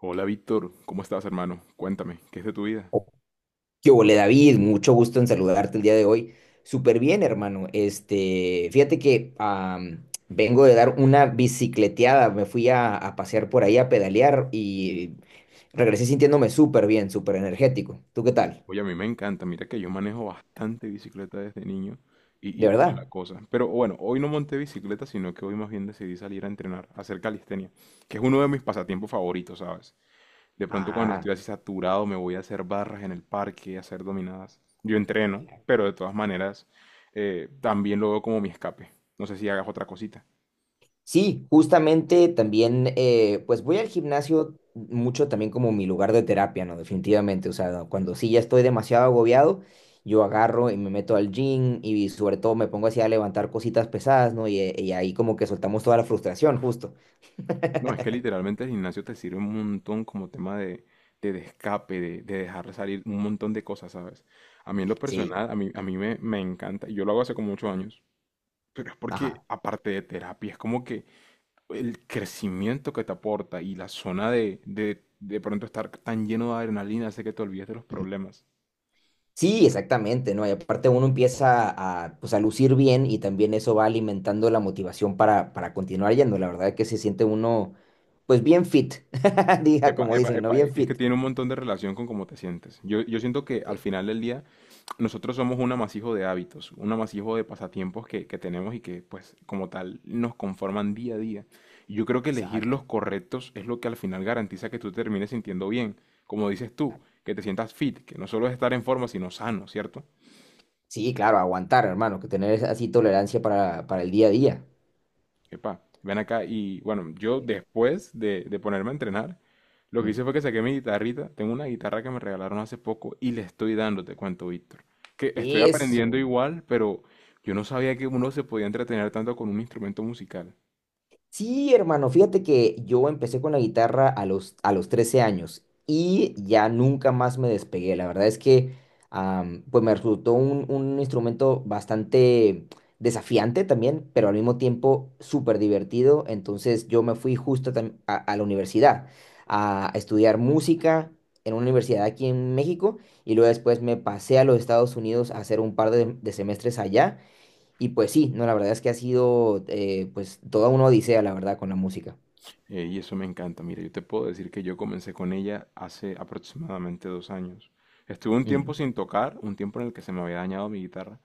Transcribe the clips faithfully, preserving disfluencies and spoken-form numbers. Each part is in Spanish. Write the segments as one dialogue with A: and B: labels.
A: Hola Víctor, ¿cómo estás hermano? Cuéntame, ¿qué es de tu vida?
B: Oh, ¿qué hubo, David? Mucho gusto en saludarte el día de hoy. Súper bien, hermano. Este, fíjate que am, vengo de dar una bicicleteada. Me fui a, a pasear por ahí a pedalear y regresé sintiéndome súper bien, súper energético. ¿Tú qué tal?
A: Oye, a mí me encanta, mira que yo manejo bastante bicicleta desde niño y, y
B: ¿De
A: toda la
B: verdad?
A: cosa. Pero bueno, hoy no monté bicicleta, sino que hoy más bien decidí salir a entrenar, a hacer calistenia, que es uno de mis pasatiempos favoritos, ¿sabes? De pronto cuando
B: Ah.
A: estoy así saturado me voy a hacer barras en el parque, a hacer dominadas. Yo entreno, pero de todas maneras eh, también lo veo como mi escape. No sé si hagas otra cosita.
B: Sí, justamente también, eh, pues voy al gimnasio mucho también como mi lugar de terapia, ¿no? Definitivamente, o sea, cuando sí ya estoy demasiado agobiado, yo agarro y me meto al gym, y sobre todo me pongo así a levantar cositas pesadas, ¿no? Y, eh, y ahí como que soltamos toda la frustración, justo.
A: No, es que literalmente el gimnasio te sirve un montón como tema de, de, de escape, de, de dejar salir un montón de cosas, ¿sabes? A mí en lo
B: Sí,
A: personal, a mí, a mí me, me encanta, y yo lo hago hace como muchos años, pero es porque
B: ajá.
A: aparte de terapia, es como que el crecimiento que te aporta y la zona de, de, de pronto estar tan lleno de adrenalina hace que te olvides de los
B: Ujú.
A: problemas.
B: Sí, exactamente, ¿no? Y aparte uno empieza a, pues, a lucir bien, y también eso va alimentando la motivación para, para continuar yendo. La verdad que se siente uno pues bien fit, diga
A: Epa,
B: como
A: epa,
B: dicen, ¿no?
A: epa,
B: Bien
A: e- es que
B: fit.
A: tiene un montón de relación con cómo te sientes. Yo, yo siento que al
B: Sí.
A: final del día nosotros somos un amasijo de hábitos, un amasijo de pasatiempos que, que tenemos y que pues como tal nos conforman día a día. Y yo creo que elegir los
B: Exacto.
A: correctos es lo que al final garantiza que tú te termines sintiendo bien, como dices tú,
B: Claro.
A: que te sientas fit, que no solo es estar en forma, sino sano, ¿cierto?
B: Sí, claro, aguantar, hermano, que tener así tolerancia para, para el día a día.
A: Epa, ven acá. Y bueno, yo después de, de ponerme a entrenar, lo que
B: Mm.
A: hice fue que saqué mi guitarrita. Tengo una guitarra que me regalaron hace poco y le estoy dando, te cuento, Víctor. Que estoy aprendiendo
B: Eso.
A: igual, pero yo no sabía que uno se podía entretener tanto con un instrumento musical.
B: Sí, hermano, fíjate que yo empecé con la guitarra a los, a los trece años, y ya nunca más me despegué. La verdad es que am, pues me resultó un, un instrumento bastante desafiante también, pero al mismo tiempo súper divertido. Entonces yo me fui justo tam- a, a la universidad a estudiar música en una universidad aquí en México, y luego después me pasé a los Estados Unidos a hacer un par de de semestres allá. Y pues sí, no, la verdad es que ha sido eh, pues toda una odisea, la verdad, con la música.
A: Eh, y eso me encanta. Mira, yo te puedo decir que yo comencé con ella hace aproximadamente dos años. Estuve un tiempo
B: Mm.
A: sin tocar, un tiempo en el que se me había dañado mi guitarra,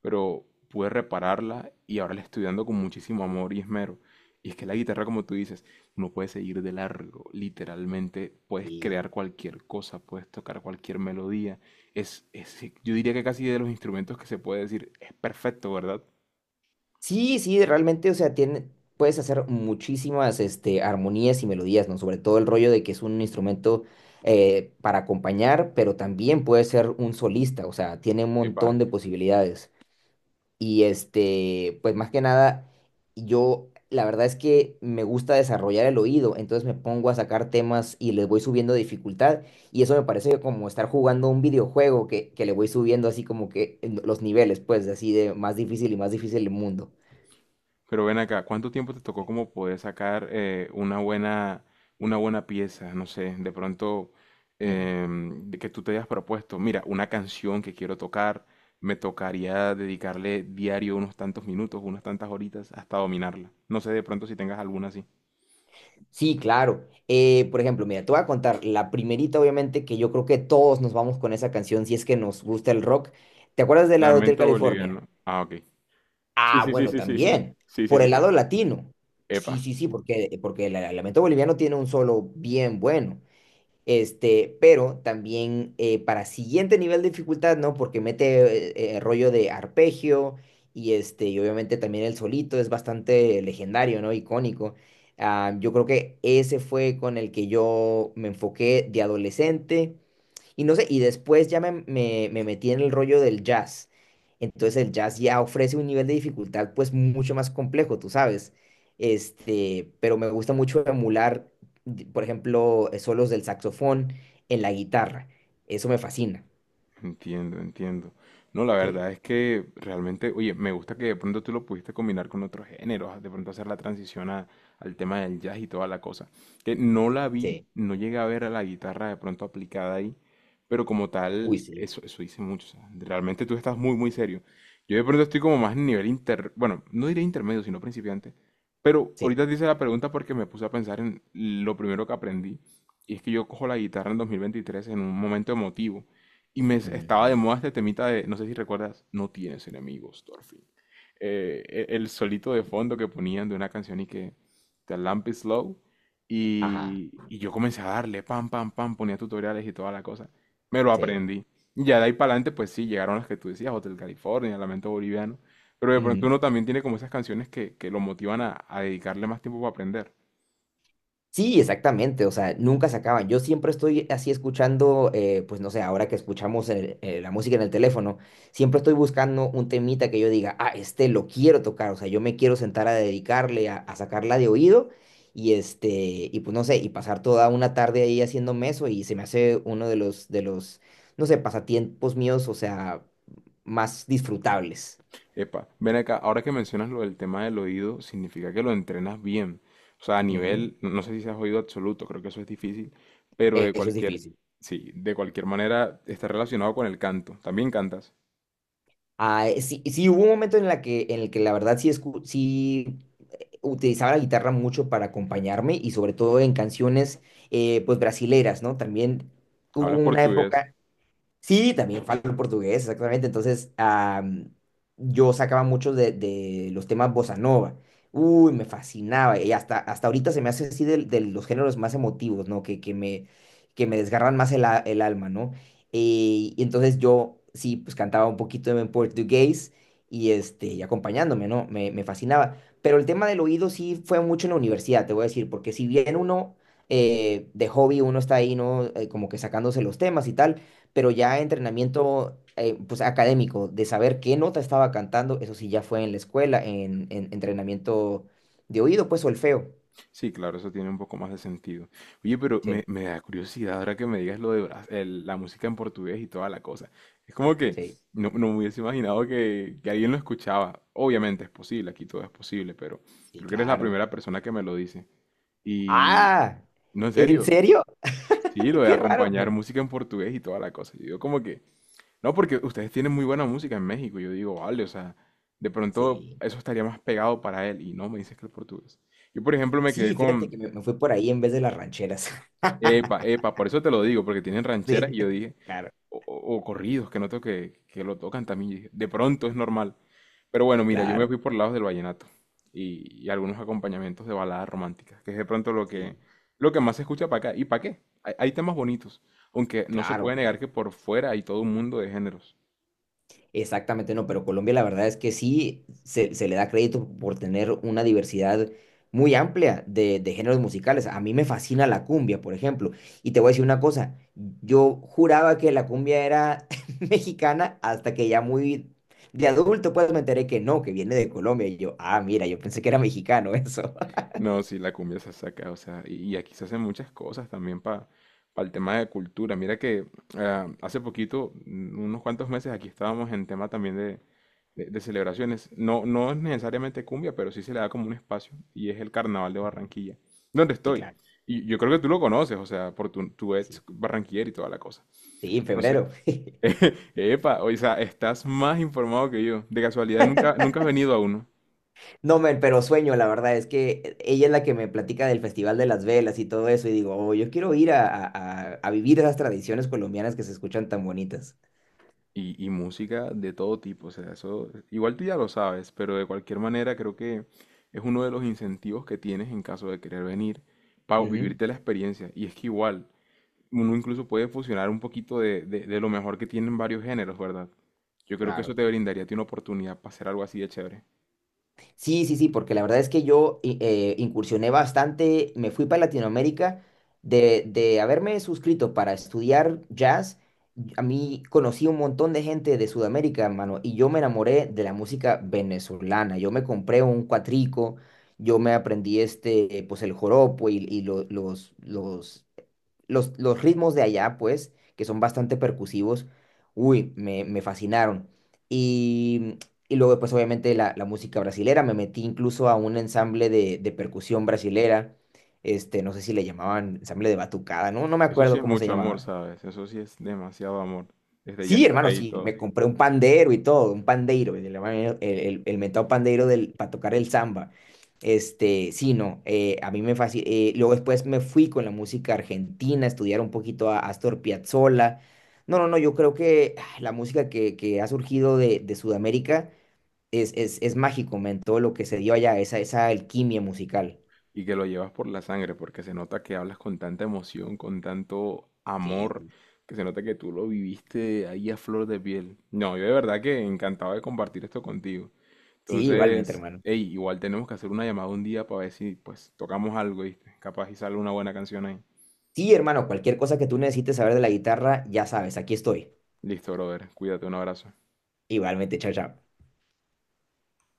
A: pero pude repararla y ahora la estoy dando con muchísimo amor y esmero. Y es que la guitarra, como tú dices, uno puede seguir de largo, literalmente puedes
B: Sí.
A: crear cualquier cosa, puedes tocar cualquier melodía. Es, es, yo diría que casi de los instrumentos que se puede decir, es perfecto, ¿verdad?
B: Sí, sí, realmente, o sea, tiene, puedes hacer muchísimas este, armonías y melodías, ¿no? Sobre todo el rollo de que es un instrumento eh, para acompañar, pero también puede ser un solista, o sea, tiene un
A: Epa,
B: montón de posibilidades. Y este, pues más que nada, yo la verdad es que me gusta desarrollar el oído, entonces me pongo a sacar temas y les voy subiendo dificultad. Y eso me parece como estar jugando un videojuego que, que le voy subiendo así como que en los niveles, pues así de más difícil y más difícil el mundo.
A: pero ven acá, ¿cuánto tiempo te tocó como poder sacar eh, una buena, una buena pieza? No sé, de pronto
B: Ujú.
A: em, de que tú te hayas propuesto, mira, una canción que quiero tocar, me tocaría dedicarle diario unos tantos minutos, unas tantas horitas hasta dominarla. No sé de pronto si tengas alguna así.
B: Sí, claro. Eh, por ejemplo, mira, te voy a contar la primerita, obviamente, que yo creo que todos nos vamos con esa canción si es que nos gusta el rock. ¿Te acuerdas de la de Hotel
A: Lamento
B: California?
A: boliviano. Ah, ok. Sí,
B: Ah,
A: sí, sí,
B: bueno,
A: sí, sí, sí.
B: también.
A: Sí, sí,
B: Por el
A: sí.
B: lado latino. Sí,
A: Epa.
B: sí, sí, porque, porque el, el lamento boliviano tiene un solo bien bueno. Este, pero también eh, para siguiente nivel de dificultad, ¿no? Porque mete eh, eh, rollo de arpegio y este, y obviamente también el solito es bastante legendario, ¿no? Icónico. Ah, yo creo que ese fue con el que yo me enfoqué de adolescente, y no sé, y después ya me, me, me metí en el rollo del jazz. Entonces el jazz ya ofrece un nivel de dificultad pues mucho más complejo, tú sabes. Este, pero me gusta mucho emular, di- por ejemplo, eh, solos del saxofón en la guitarra. Eso me fascina.
A: Entiendo, entiendo. No, la
B: Sí,
A: verdad es que realmente, oye, me gusta que de pronto tú lo pudiste combinar con otros géneros, de pronto hacer la transición a- al tema del jazz y toda la cosa. Que no la vi,
B: sí.
A: no llegué a ver a la guitarra de pronto aplicada ahí, pero como
B: Uy,
A: tal,
B: sí,
A: eso, eso dice mucho. O sea, realmente tú estás muy, muy serio. Yo de pronto estoy como más en nivel inter, bueno, no diré intermedio, sino principiante. Pero
B: sí.
A: ahorita te hice la pregunta porque me puse a pensar en lo primero que aprendí. Y es que yo cojo la guitarra en dos mil veintitrés en un momento emotivo y me s- estaba de
B: Ujú.
A: moda este temita de, no sé si recuerdas, no tienes enemigos, Thorfinn. Eh, e- el solito de fondo que ponían de una canción y que The Lamp is Low.
B: Ajá,
A: Y, y yo comencé a darle, pam, pam, pam, ponía tutoriales y toda la cosa. Me lo
B: sí.
A: aprendí. Y ya de ahí para adelante, pues sí, llegaron las que tú decías, Hotel California, Lamento Boliviano. Pero de pronto
B: Ujú.
A: uno también tiene como esas canciones que, que lo motivan a, a dedicarle más tiempo para aprender.
B: Sí, exactamente, o sea, nunca se acaban. Yo siempre estoy así escuchando, eh, pues no sé, ahora que escuchamos el- eh, la música en el teléfono, siempre estoy buscando un temita que yo diga, ah, este lo quiero tocar, o sea, yo me quiero sentar a dedicarle, a, a sacarla de oído y este, y pues no sé, y pasar toda una tarde ahí haciéndome eso, y se me hace uno de los, de los, no sé, pasatiempos míos, o sea, más disfrutables.
A: Epa, ven acá, ahora que mencionas lo del tema del oído, significa que lo entrenas bien. O sea, a
B: Ujú.
A: nivel, no no sé si seas oído absoluto, creo que eso es difícil, pero de
B: Eso es
A: cualquier,
B: difícil.
A: sí, de cualquier manera está relacionado con el canto. También cantas,
B: Ah, eh, sí, sí, hubo un momento en la que, en el que la verdad sí, escu- sí utilizaba la guitarra mucho para acompañarme, y sobre todo en canciones eh, pues brasileras, ¿no? También hubo
A: hablas
B: una
A: portugués.
B: época. Sí, también falo portugués, exactamente. Entonces, am, yo sacaba muchos de, de los temas bossa nova. Uy, me fascinaba. Y hasta, hasta ahorita se me hace así del- de, los géneros más emotivos, ¿no? Que, que me, que me desgarran más el, a- el alma, ¿no? Eh, y entonces yo, sí, pues cantaba un poquito en portugués y, este, y acompañándome, ¿no? Me, me fascinaba. Pero el tema del oído sí fue mucho en la universidad, te voy a decir, porque si bien uno, eh, de hobby, uno está ahí, ¿no? Eh, como que sacándose los temas y tal, pero ya entrenamiento eh, pues académico, de saber qué nota estaba cantando, eso sí ya fue en la escuela, en, en entrenamiento de oído, pues solfeo.
A: Sí, claro, eso tiene un poco más de sentido. Oye, pero
B: Sí,
A: me, me da curiosidad ahora que me digas lo de Bra- el- la música en portugués y toda la cosa. Es como que
B: sí,
A: no, no me hubiese imaginado que, que alguien lo escuchaba. Obviamente es posible, aquí todo es posible, pero
B: sí,
A: creo que eres la
B: claro.
A: primera persona que me lo dice. Y
B: Ah,
A: no, en
B: ¿en
A: serio.
B: serio?
A: Sí, lo de
B: Qué raro,
A: acompañar
B: man.
A: música en portugués y toda la cosa. Yo digo como que, no, porque ustedes tienen muy buena música en México. Yo digo, vale, o sea, de pronto
B: Sí,
A: eso estaría más pegado para él. Y no, me dices que el portugués. Yo, por ejemplo, me quedé
B: sí, fíjate que
A: con,
B: me, me fui por ahí en vez de las rancheras.
A: epa, epa, por eso te lo digo, porque tienen rancheras y
B: Sí,
A: yo dije,
B: claro,
A: o, o- o corridos que noto que, que lo tocan también. Y dije, de pronto es normal. Pero bueno, mira, yo me
B: claro,
A: fui por lados del vallenato y, y algunos acompañamientos de baladas románticas, que es de pronto lo que,
B: sí,
A: lo que más se escucha para acá. ¿Y para qué? Hay, hay temas bonitos, aunque no se
B: claro.
A: puede negar que por fuera hay todo un mundo de géneros.
B: Exactamente, no, pero Colombia la verdad es que sí se, se le da crédito por tener una diversidad muy amplia de, de géneros musicales. A mí me fascina la cumbia, por ejemplo. Y te voy a decir una cosa, yo juraba que la cumbia era mexicana hasta que ya muy de adulto pues me enteré que no, que viene de Colombia. Y yo, ah, mira, yo pensé que era mexicano eso.
A: No, sí, la cumbia se saca, o sea, y, y aquí se hacen muchas cosas también para el tema de cultura. Mira que ah, hace poquito, mm, unos cuantos meses, aquí estábamos en tema también de, de- de celebraciones. No, no es necesariamente cumbia, pero sí se le da como un espacio y es el Carnaval de
B: Ujú.
A: Barranquilla, donde
B: Sí,
A: estoy.
B: claro.
A: Y yo creo que tú lo conoces, o sea, por tu, tu
B: Sí,
A: ex
B: sí.
A: barranquillero y toda la cosa.
B: Sí, en
A: Entonces,
B: febrero.
A: epa, o sea, estás más informado que yo. De casualidad, nunca, nunca has venido a uno.
B: No, men, pero sueño, la verdad, es que ella es la que me platica del Festival de las Velas y todo eso, y digo, oh, yo quiero ir a, a- a- a vivir esas tradiciones colombianas que se escuchan tan bonitas.
A: Y, y música de todo tipo, o sea, eso igual tú ya lo sabes, pero de cualquier manera creo que es uno de los incentivos que tienes en caso de querer venir para
B: Ujú,
A: vivirte la experiencia. Y es que igual, uno incluso puede fusionar un poquito de, de, de lo mejor que tienen varios géneros, ¿verdad? Yo creo que eso
B: claro.
A: te brindaría a ti una oportunidad para hacer algo así de chévere.
B: Sí, sí, sí, porque la verdad es que yo i- eh, incursioné bastante, me fui para Latinoamérica, de, de haberme suscrito para estudiar jazz, y a mí conocí un montón de gente de Sudamérica, hermano, y yo me enamoré de la música venezolana, yo me compré un cuatrico, yo me aprendí este, eh, pues el joropo, y, y lo- los, los los, los ritmos de allá, pues, que son bastante percusivos, uy, me, me fascinaron. Y, y luego, pues, obviamente, la, la música brasilera, me metí incluso a un ensamble de, de percusión brasilera, este, no sé si le llamaban ensamble de batucada, no, no me
A: Eso sí
B: acuerdo
A: es
B: cómo se
A: mucho amor,
B: llamaba.
A: ¿sabes? Eso sí es demasiado amor. Desde ya
B: Sí,
A: estar
B: hermano,
A: ahí y
B: sí,
A: todo.
B: me compré un pandero y todo, un pandeiro, el, el, el- el mentado pandeiro del, para tocar el samba. Este, sí, no, eh, a mí me fascina. Luego después me fui con la música argentina, a estudiar un poquito a Astor Piazzolla. No, no, no, yo creo que ah, la música que, que ha surgido de, de Sudamérica es, es, es mágico, men, todo lo que se dio allá, esa, esa alquimia musical.
A: Y que lo llevas por la sangre, porque se nota que hablas con tanta emoción, con tanto amor,
B: Sí,
A: que se nota que tú lo viviste ahí a flor de piel. No, yo de verdad que encantado de compartir esto contigo.
B: sí, igualmente,
A: Entonces,
B: hermano.
A: hey, igual tenemos que hacer una llamada un día para ver si pues tocamos algo, ¿viste? Capaz y sale una buena canción ahí.
B: Sí, hermano, cualquier cosa que tú necesites saber de la guitarra, ya sabes, aquí estoy.
A: Listo, brother. Cuídate, un abrazo.
B: Igualmente, chao, chao.